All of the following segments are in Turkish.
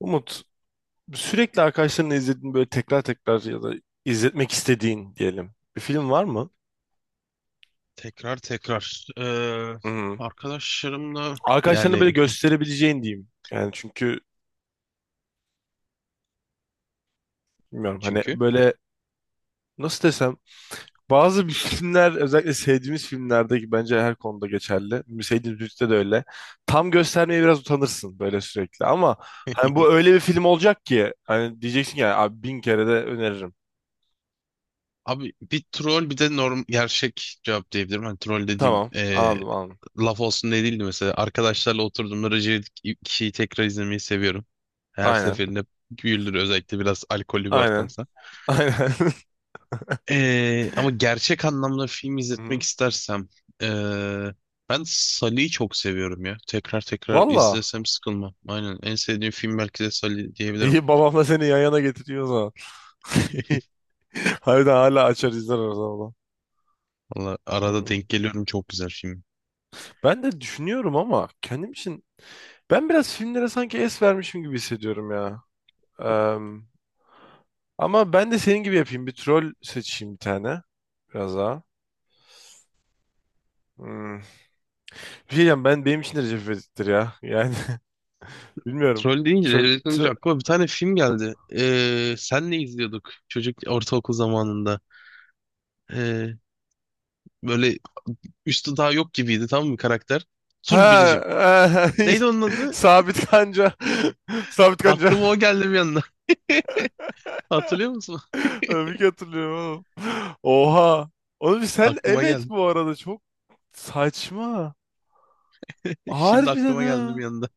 Umut, sürekli arkadaşlarınla izlediğin böyle tekrar tekrar ya da izletmek istediğin diyelim bir film var mı? Tekrar tekrar. Hı. Arkadaşlarımla Arkadaşlarına böyle yani gösterebileceğin diyeyim. Yani çünkü bilmiyorum hani çünkü. böyle nasıl desem bazı bir filmler özellikle sevdiğimiz filmlerdeki bence her konuda geçerli. Sevdiğimiz müzikte de öyle. Tam göstermeye biraz utanırsın böyle sürekli ama hani bu öyle bir film olacak ki hani diyeceksin ki yani abi bin kere de öneririm. Abi bir troll bir de norm gerçek cevap diyebilirim. Hani troll dediğim Tamam, anladım. laf olsun diye değildi mesela. Arkadaşlarla oturduğumda Recep kişiyi tekrar izlemeyi seviyorum. Her Aynen, seferinde güldür özellikle biraz alkollü bir aynen. ortamsa. Aynen. Ama gerçek anlamda film Hı izletmek hı. istersem ee, ben Sully'yi çok seviyorum ya. Tekrar tekrar Valla. izlesem sıkılmam. Aynen en sevdiğim film belki de Sully diyebilirim. İyi, babamla seni yan yana getiriyor o zaman. Harbiden hala açar izler o zaman. Valla arada Hmm. denk geliyorum, çok güzel film. Ben de düşünüyorum ama kendim için ben biraz filmlere sanki es vermişim gibi hissediyorum ya. Em, Ama ben de senin gibi yapayım. Bir troll seçeyim bir tane. Biraz daha. Hmm. Bir şey diyeceğim, ben benim için de Recep İvedik'tir ya. Yani bilmiyorum. Troll deyince, Çok, Recep deyince tro- aklıma bir tane film geldi. Sen ne izliyorduk çocuk ortaokul zamanında? Ee, Böyle üstü daha yok gibiydi tamam mı karakter? Tur, ha, neydi onun adı? Sabit Kanca. Sabit Kanca. Aklıma o geldi bir anda. Hatırlıyor musun? Tabii ki hatırlıyorum oğlum. Oha. Oğlum, sen Aklıma evet geldi. bu arada çok saçma. Şimdi Harbiden aklıma geldi ha. bir anda.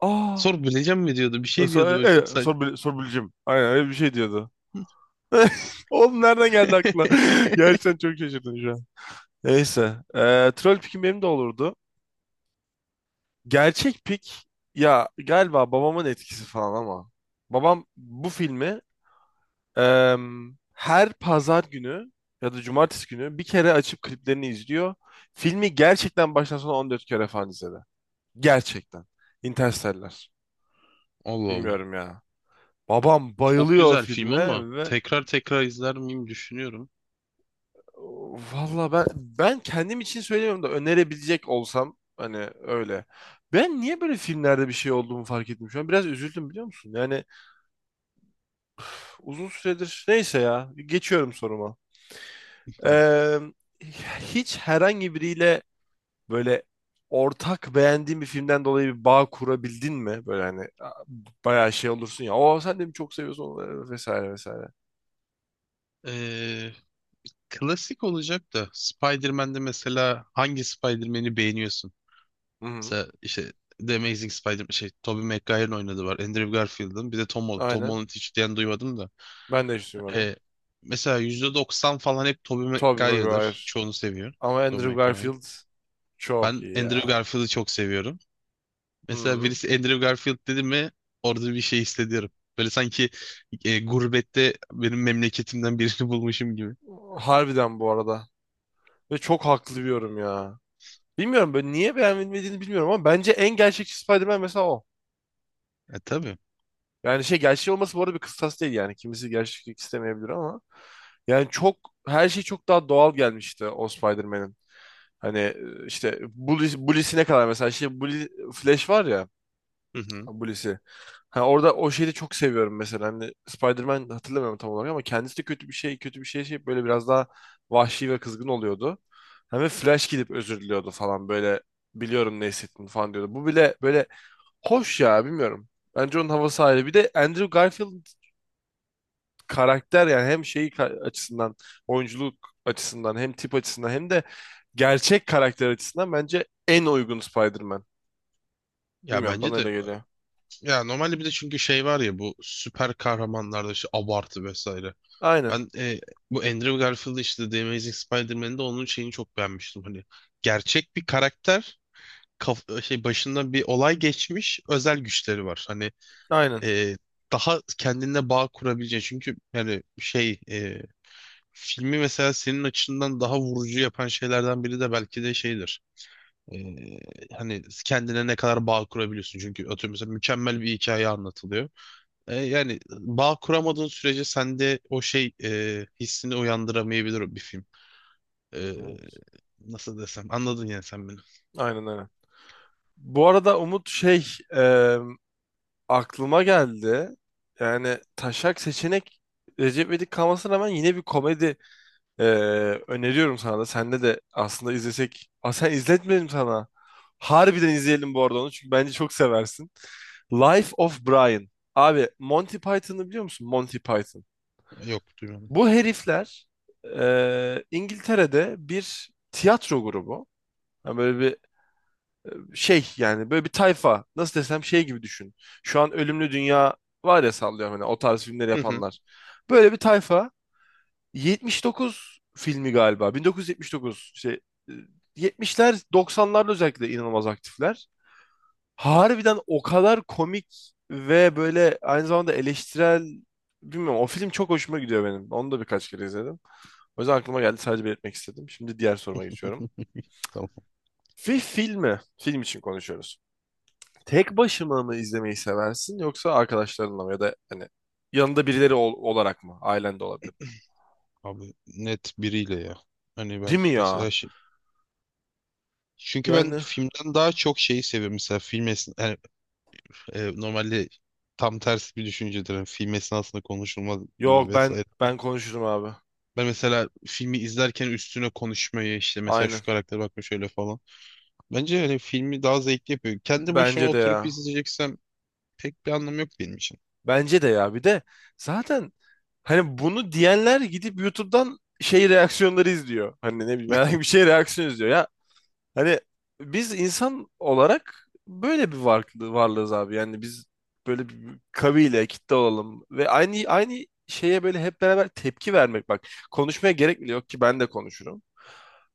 Ah. Sor bileceğim mi diyordu. Bir şey diyordu Sonra, böyle çok e, e, saçma. sor, sorbileceğim. Aynen öyle bir şey diyordu. Oğlum, nereden geldi aklına? Gerçekten çok şaşırdım şu an. Neyse. Troll pikim benim de olurdu. Gerçek pik ya, galiba babamın etkisi falan ama. Babam bu filmi, her pazar günü ya da cumartesi günü bir kere açıp kliplerini izliyor. Filmi gerçekten baştan sona 14 kere falan izledi. Gerçekten. Interstellar. Allah'ım. Bilmiyorum ya. Babam Çok bayılıyor o güzel film ama filme ve tekrar tekrar izler miyim düşünüyorum. valla ben, kendim için söylemiyorum da önerebilecek olsam hani öyle. Ben niye böyle filmlerde bir şey olduğumu fark ettim şu an. Biraz üzüldüm, biliyor musun? Yani uzun süredir, neyse ya, geçiyorum soruma. Tamam. Em, Hiç herhangi biriyle böyle ortak beğendiğin bir filmden dolayı bir bağ kurabildin mi? Böyle hani bayağı şey olursun ya. "O sen de mi çok seviyorsun onu?" vesaire vesaire. Ee, Klasik olacak da Spider-Man'de mesela hangi Spider-Man'i beğeniyorsun? Hı hı. Mesela işte The Amazing Spider-Man şey Tobey Maguire'ın oynadığı var. Andrew Garfield'ın. Bir de Tom Holland. Tom Aynen. Holland'ı hiç diyen duymadım da. Ben de hiç duymadım. E, mesela %90 falan hep Tobey Tobey Maguire. Maguire'dır. Çoğunu seviyorum. Ama Tobey Andrew Maguire. Garfield çok Ben iyi Andrew ya. Garfield'ı çok seviyorum. Mesela Hı. birisi Andrew Garfield dedi mi orada bir şey hissediyorum. Böyle sanki gurbette benim memleketimden birini bulmuşum gibi. Harbiden bu arada. Ve çok haklı bir yorum ya. Bilmiyorum, böyle niye beğenmediğini bilmiyorum ama bence en gerçekçi Spider-Man mesela o. E tabii. Yani şey, gerçek olması bu arada bir kıstas değil yani. Kimisi gerçeklik istemeyebilir ama yani çok, her şey çok daha doğal gelmişti o Spider-Man'in. Hani işte Bully, Bully'sine kadar mesela şey, Bully, Flash var ya, Hı hı. Bully'si. Ha, orada o şeyi de çok seviyorum mesela. Hani Spider-Man, hatırlamıyorum tam olarak ama kendisi de kötü bir şey, kötü bir şey, şey böyle biraz daha vahşi ve kızgın oluyordu. Hani Flash gidip özür diliyordu falan, böyle biliyorum ne hissettin falan diyordu. Bu bile böyle hoş ya, bilmiyorum. Bence onun havası ayrı. Bir de Andrew Garfield karakter, yani hem şeyi açısından, oyunculuk açısından, hem tip açısından hem de gerçek karakter açısından bence en uygun Spider-Man. Ya Bilmiyorum, bana bence öyle de. geliyor. Ya normalde bir de çünkü şey var ya bu süper kahramanlarda işte abartı vesaire. Aynen. Ben bu Andrew Garfield'ı işte The Amazing Spider-Man'de onun şeyini çok beğenmiştim. Hani gerçek bir karakter kaf- şey başında bir olay geçmiş özel güçleri var. Hani Aynen. e, daha kendine bağ kurabileceğin çünkü yani şey filmi mesela senin açından daha vurucu yapan şeylerden biri de belki de şeydir. E, Hani kendine ne kadar bağ kurabiliyorsun çünkü atıyorum mesela mükemmel bir hikaye anlatılıyor. Yani bağ kuramadığın sürece sende o şey hissini uyandıramayabilir o bir film. E, Hı. Nasıl desem anladın yani sen beni. Aynen, aynen. Bu arada Umut, şey, e, aklıma geldi. Yani taşak seçenek Recep İvedik kalmasına rağmen yine bir komedi. Ee, Öneriyorum sana da. Senle de aslında izlesek. Aa, sen, izletmedim sana. Harbiden izleyelim bu arada onu. Çünkü bence çok seversin. Life of Brian. Abi, Monty Python'ı biliyor musun? Monty Python. Yok duymadım. Bu herifler İngiltere'de bir tiyatro grubu. Yani böyle bir şey, yani böyle bir tayfa. Nasıl desem, şey gibi düşün. Şu an Ölümlü Dünya var ya, sallıyorum, hani o tarz filmleri Hı hı. yapanlar. Böyle bir tayfa. 79 filmi galiba. 1979 şey, e, 70'ler, 90'larda özellikle inanılmaz aktifler. Harbiden o kadar komik ve böyle aynı zamanda eleştirel, bilmiyorum, o film çok hoşuma gidiyor benim. Onu da birkaç kere izledim. O yüzden aklıma geldi, sadece belirtmek istedim. Şimdi diğer soruma geçiyorum. Tamam Bir filmi, film için konuşuyoruz. Tek başıma mı izlemeyi seversin yoksa arkadaşlarınla mı, ya da hani yanında birileri olarak mı? Ailen de olabilir. abi, net biriyle ya. Hani Değil ben mi ya? mesela şey... Çünkü ben Yani, filmden daha çok şeyi seviyorum. Mesela film esna... Yani normalde tam tersi bir düşüncedir. Yani film esnasında konuşulmaz gibi yok, ben, vesaire. Konuşurum abi. Ben mesela filmi izlerken üstüne konuşmayı işte mesela Aynen. şu karaktere bakma şöyle falan. Bence hani filmi daha zevkli yapıyor. Kendi başıma Bence de oturup ya. izleyeceksem pek bir anlamı yok benim için. Bence de ya. Bir de zaten hani bunu diyenler gidip YouTube'dan şey reaksiyonları izliyor. Hani ne bileyim, herhangi bir şey reaksiyon izliyor ya. Hani biz insan olarak böyle bir varlığı, varlığız abi. Yani biz böyle bir kabile, kitle olalım ve aynı şeye böyle hep beraber tepki vermek, bak. Konuşmaya gerek bile yok ki, ben de konuşurum.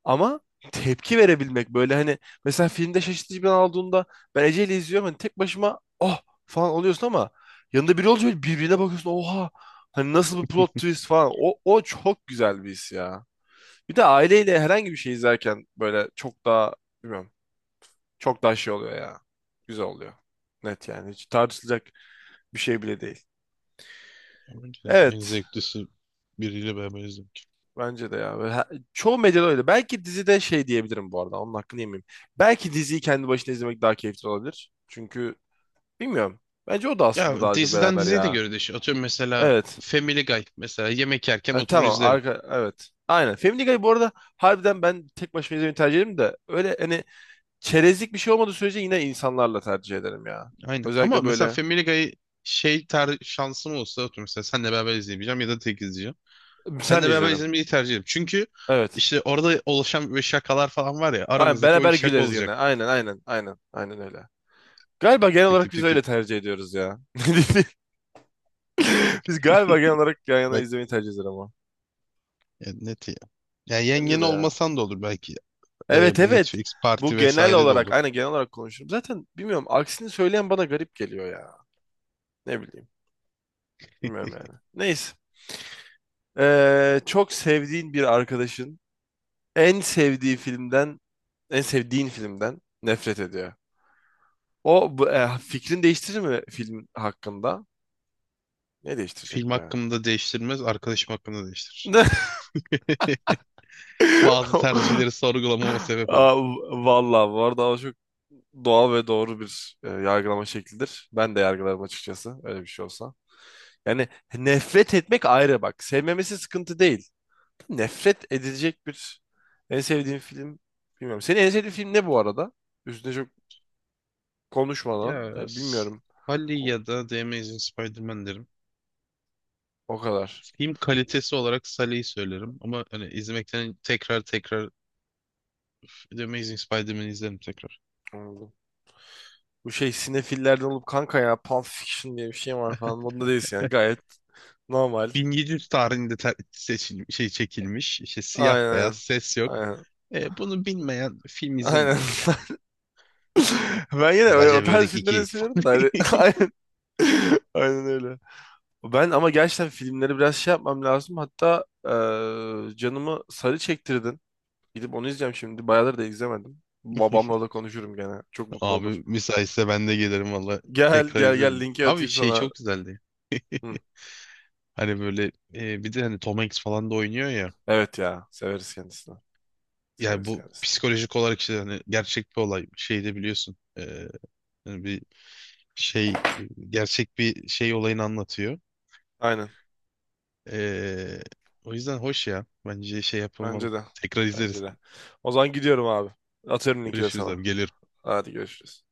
Ama tepki verebilmek böyle, hani mesela filmde şaşırtıcı bir an aldığında ben Ece ile izliyorum, hani tek başıma "oh" falan oluyorsun ama yanında biri olunca böyle birbirine bakıyorsun, "oha, hani nasıl bir plot twist" falan, o, o çok güzel bir his ya. Bir de aileyle herhangi bir şey izlerken böyle çok daha, bilmiyorum, çok daha şey oluyor ya, güzel oluyor, net yani, hiç tartışılacak bir şey bile değil. Bence en Evet. zevklisi biriyle beraber izlemek. Bence de ya. Ve çoğu medyada öyle. Belki dizide şey diyebilirim bu arada. Onun hakkını yemeyeyim. Belki diziyi kendi başına izlemek daha keyifli olabilir. Çünkü bilmiyorum. Bence o da aslında Ya daha çok diziden beraber diziye de ya. göre değişiyor. Atıyorum mesela Evet. Family Guy. Mesela yemek yerken Ha, oturur tamam. izlerim. Evet. Aynen. Family Guy bu arada, harbiden ben tek başıma izlemeyi tercih ederim de öyle hani, çerezlik bir şey olmadığı sürece yine insanlarla tercih ederim ya. Aynen. Ama Özellikle mesela böyle. Family Guy şey ter şansım olsa atıyorum mesela senle beraber izleyebileceğim ya da tek izleyeceğim. Senle Senle beraber izlerim. izlemeyi tercih ederim. Çünkü Evet. işte orada oluşan böyle şakalar falan var ya Aynen. aramızdaki, o bir Beraber şaka güleriz gene. olacak. Aynen. Aynen öyle. Galiba genel Tip olarak tip biz tip tip. öyle tercih ediyoruz ya. Biz galiba genel olarak yan yana Bak izlemeyi tercih ederiz ama. ya, net ya. Yani Bence yengen de ya. olmasan da olur belki. Evet, Bu evet. Netflix Bu parti genel vesaire de olarak, olur. aynen, genel olarak konuşurum. Zaten bilmiyorum, aksini söyleyen bana garip geliyor ya. Ne bileyim. Bilmiyorum yani. Neyse. Çok sevdiğin bir arkadaşın en sevdiği filmden, en sevdiğin filmden nefret ediyor. Fikrin değiştirir mi film hakkında? Ne Film değiştirecek be? hakkında değiştirmez, arkadaşım hakkında değiştirir. Bazı tercihleri sorgulamama sebep olur. Aa, vallahi bu arada o çok doğal ve doğru bir yargılama şeklidir. Ben de yargılarım açıkçası, öyle bir şey olsa. Yani nefret etmek ayrı, bak. Sevmemesi sıkıntı değil. Nefret edilecek bir en sevdiğin film, bilmiyorum. Senin en sevdiğin film ne bu arada? Üstüne çok Ya konuşmadan yani, s- bilmiyorum. Sully O, ya da The Amazing Spider-Man derim. o kadar. Film kalitesi olarak Sully'yi söylerim. Ama hani izlemekten tekrar tekrar The Amazing Spider-Man'i izlerim tekrar. Anladım. Bu şey, sinefillerden olup, "kanka ya Pulp Fiction diye bir şey var" falan modunda değilsin, yani gayet normal. 1700 tarihinde ter- seçil şey çekilmiş. İşte siyah beyaz Aynen. ses yok. Aynen. Bunu bilmeyen film Aynen. izlememeli ya. Ben yine öyle, o Recep tarz İvedik filmleri 2. seviyorum da hani, aynen. Aynen öyle. Ben ama gerçekten filmleri biraz şey yapmam lazım. Hatta canımı sarı çektirdin. Gidip onu izleyeceğim şimdi. Bayağıdır da izlemedim. Babamla da konuşurum gene. Çok mutlu Abi olur. müsaitse ben de gelirim valla, Gel tekrar gel gel izlerim. linki Abi atayım şey sana. çok güzeldi. Hı. Hani böyle bir de hani Tom Hanks falan da oynuyor ya. Evet ya. Severiz kendisini. Yani Severiz bu kendisini. psikolojik olarak işte hani gerçek bir olay. Şey de biliyorsun. Hani bir şey gerçek bir şey olayını anlatıyor. Aynen. E, O yüzden hoş ya. Bence şey yapılmalı. Bence de. Tekrar Bence izleriz. de. O zaman gidiyorum abi. Atıyorum linki de Görüşürüz sana. abi. Gelirim. Hadi, görüşürüz.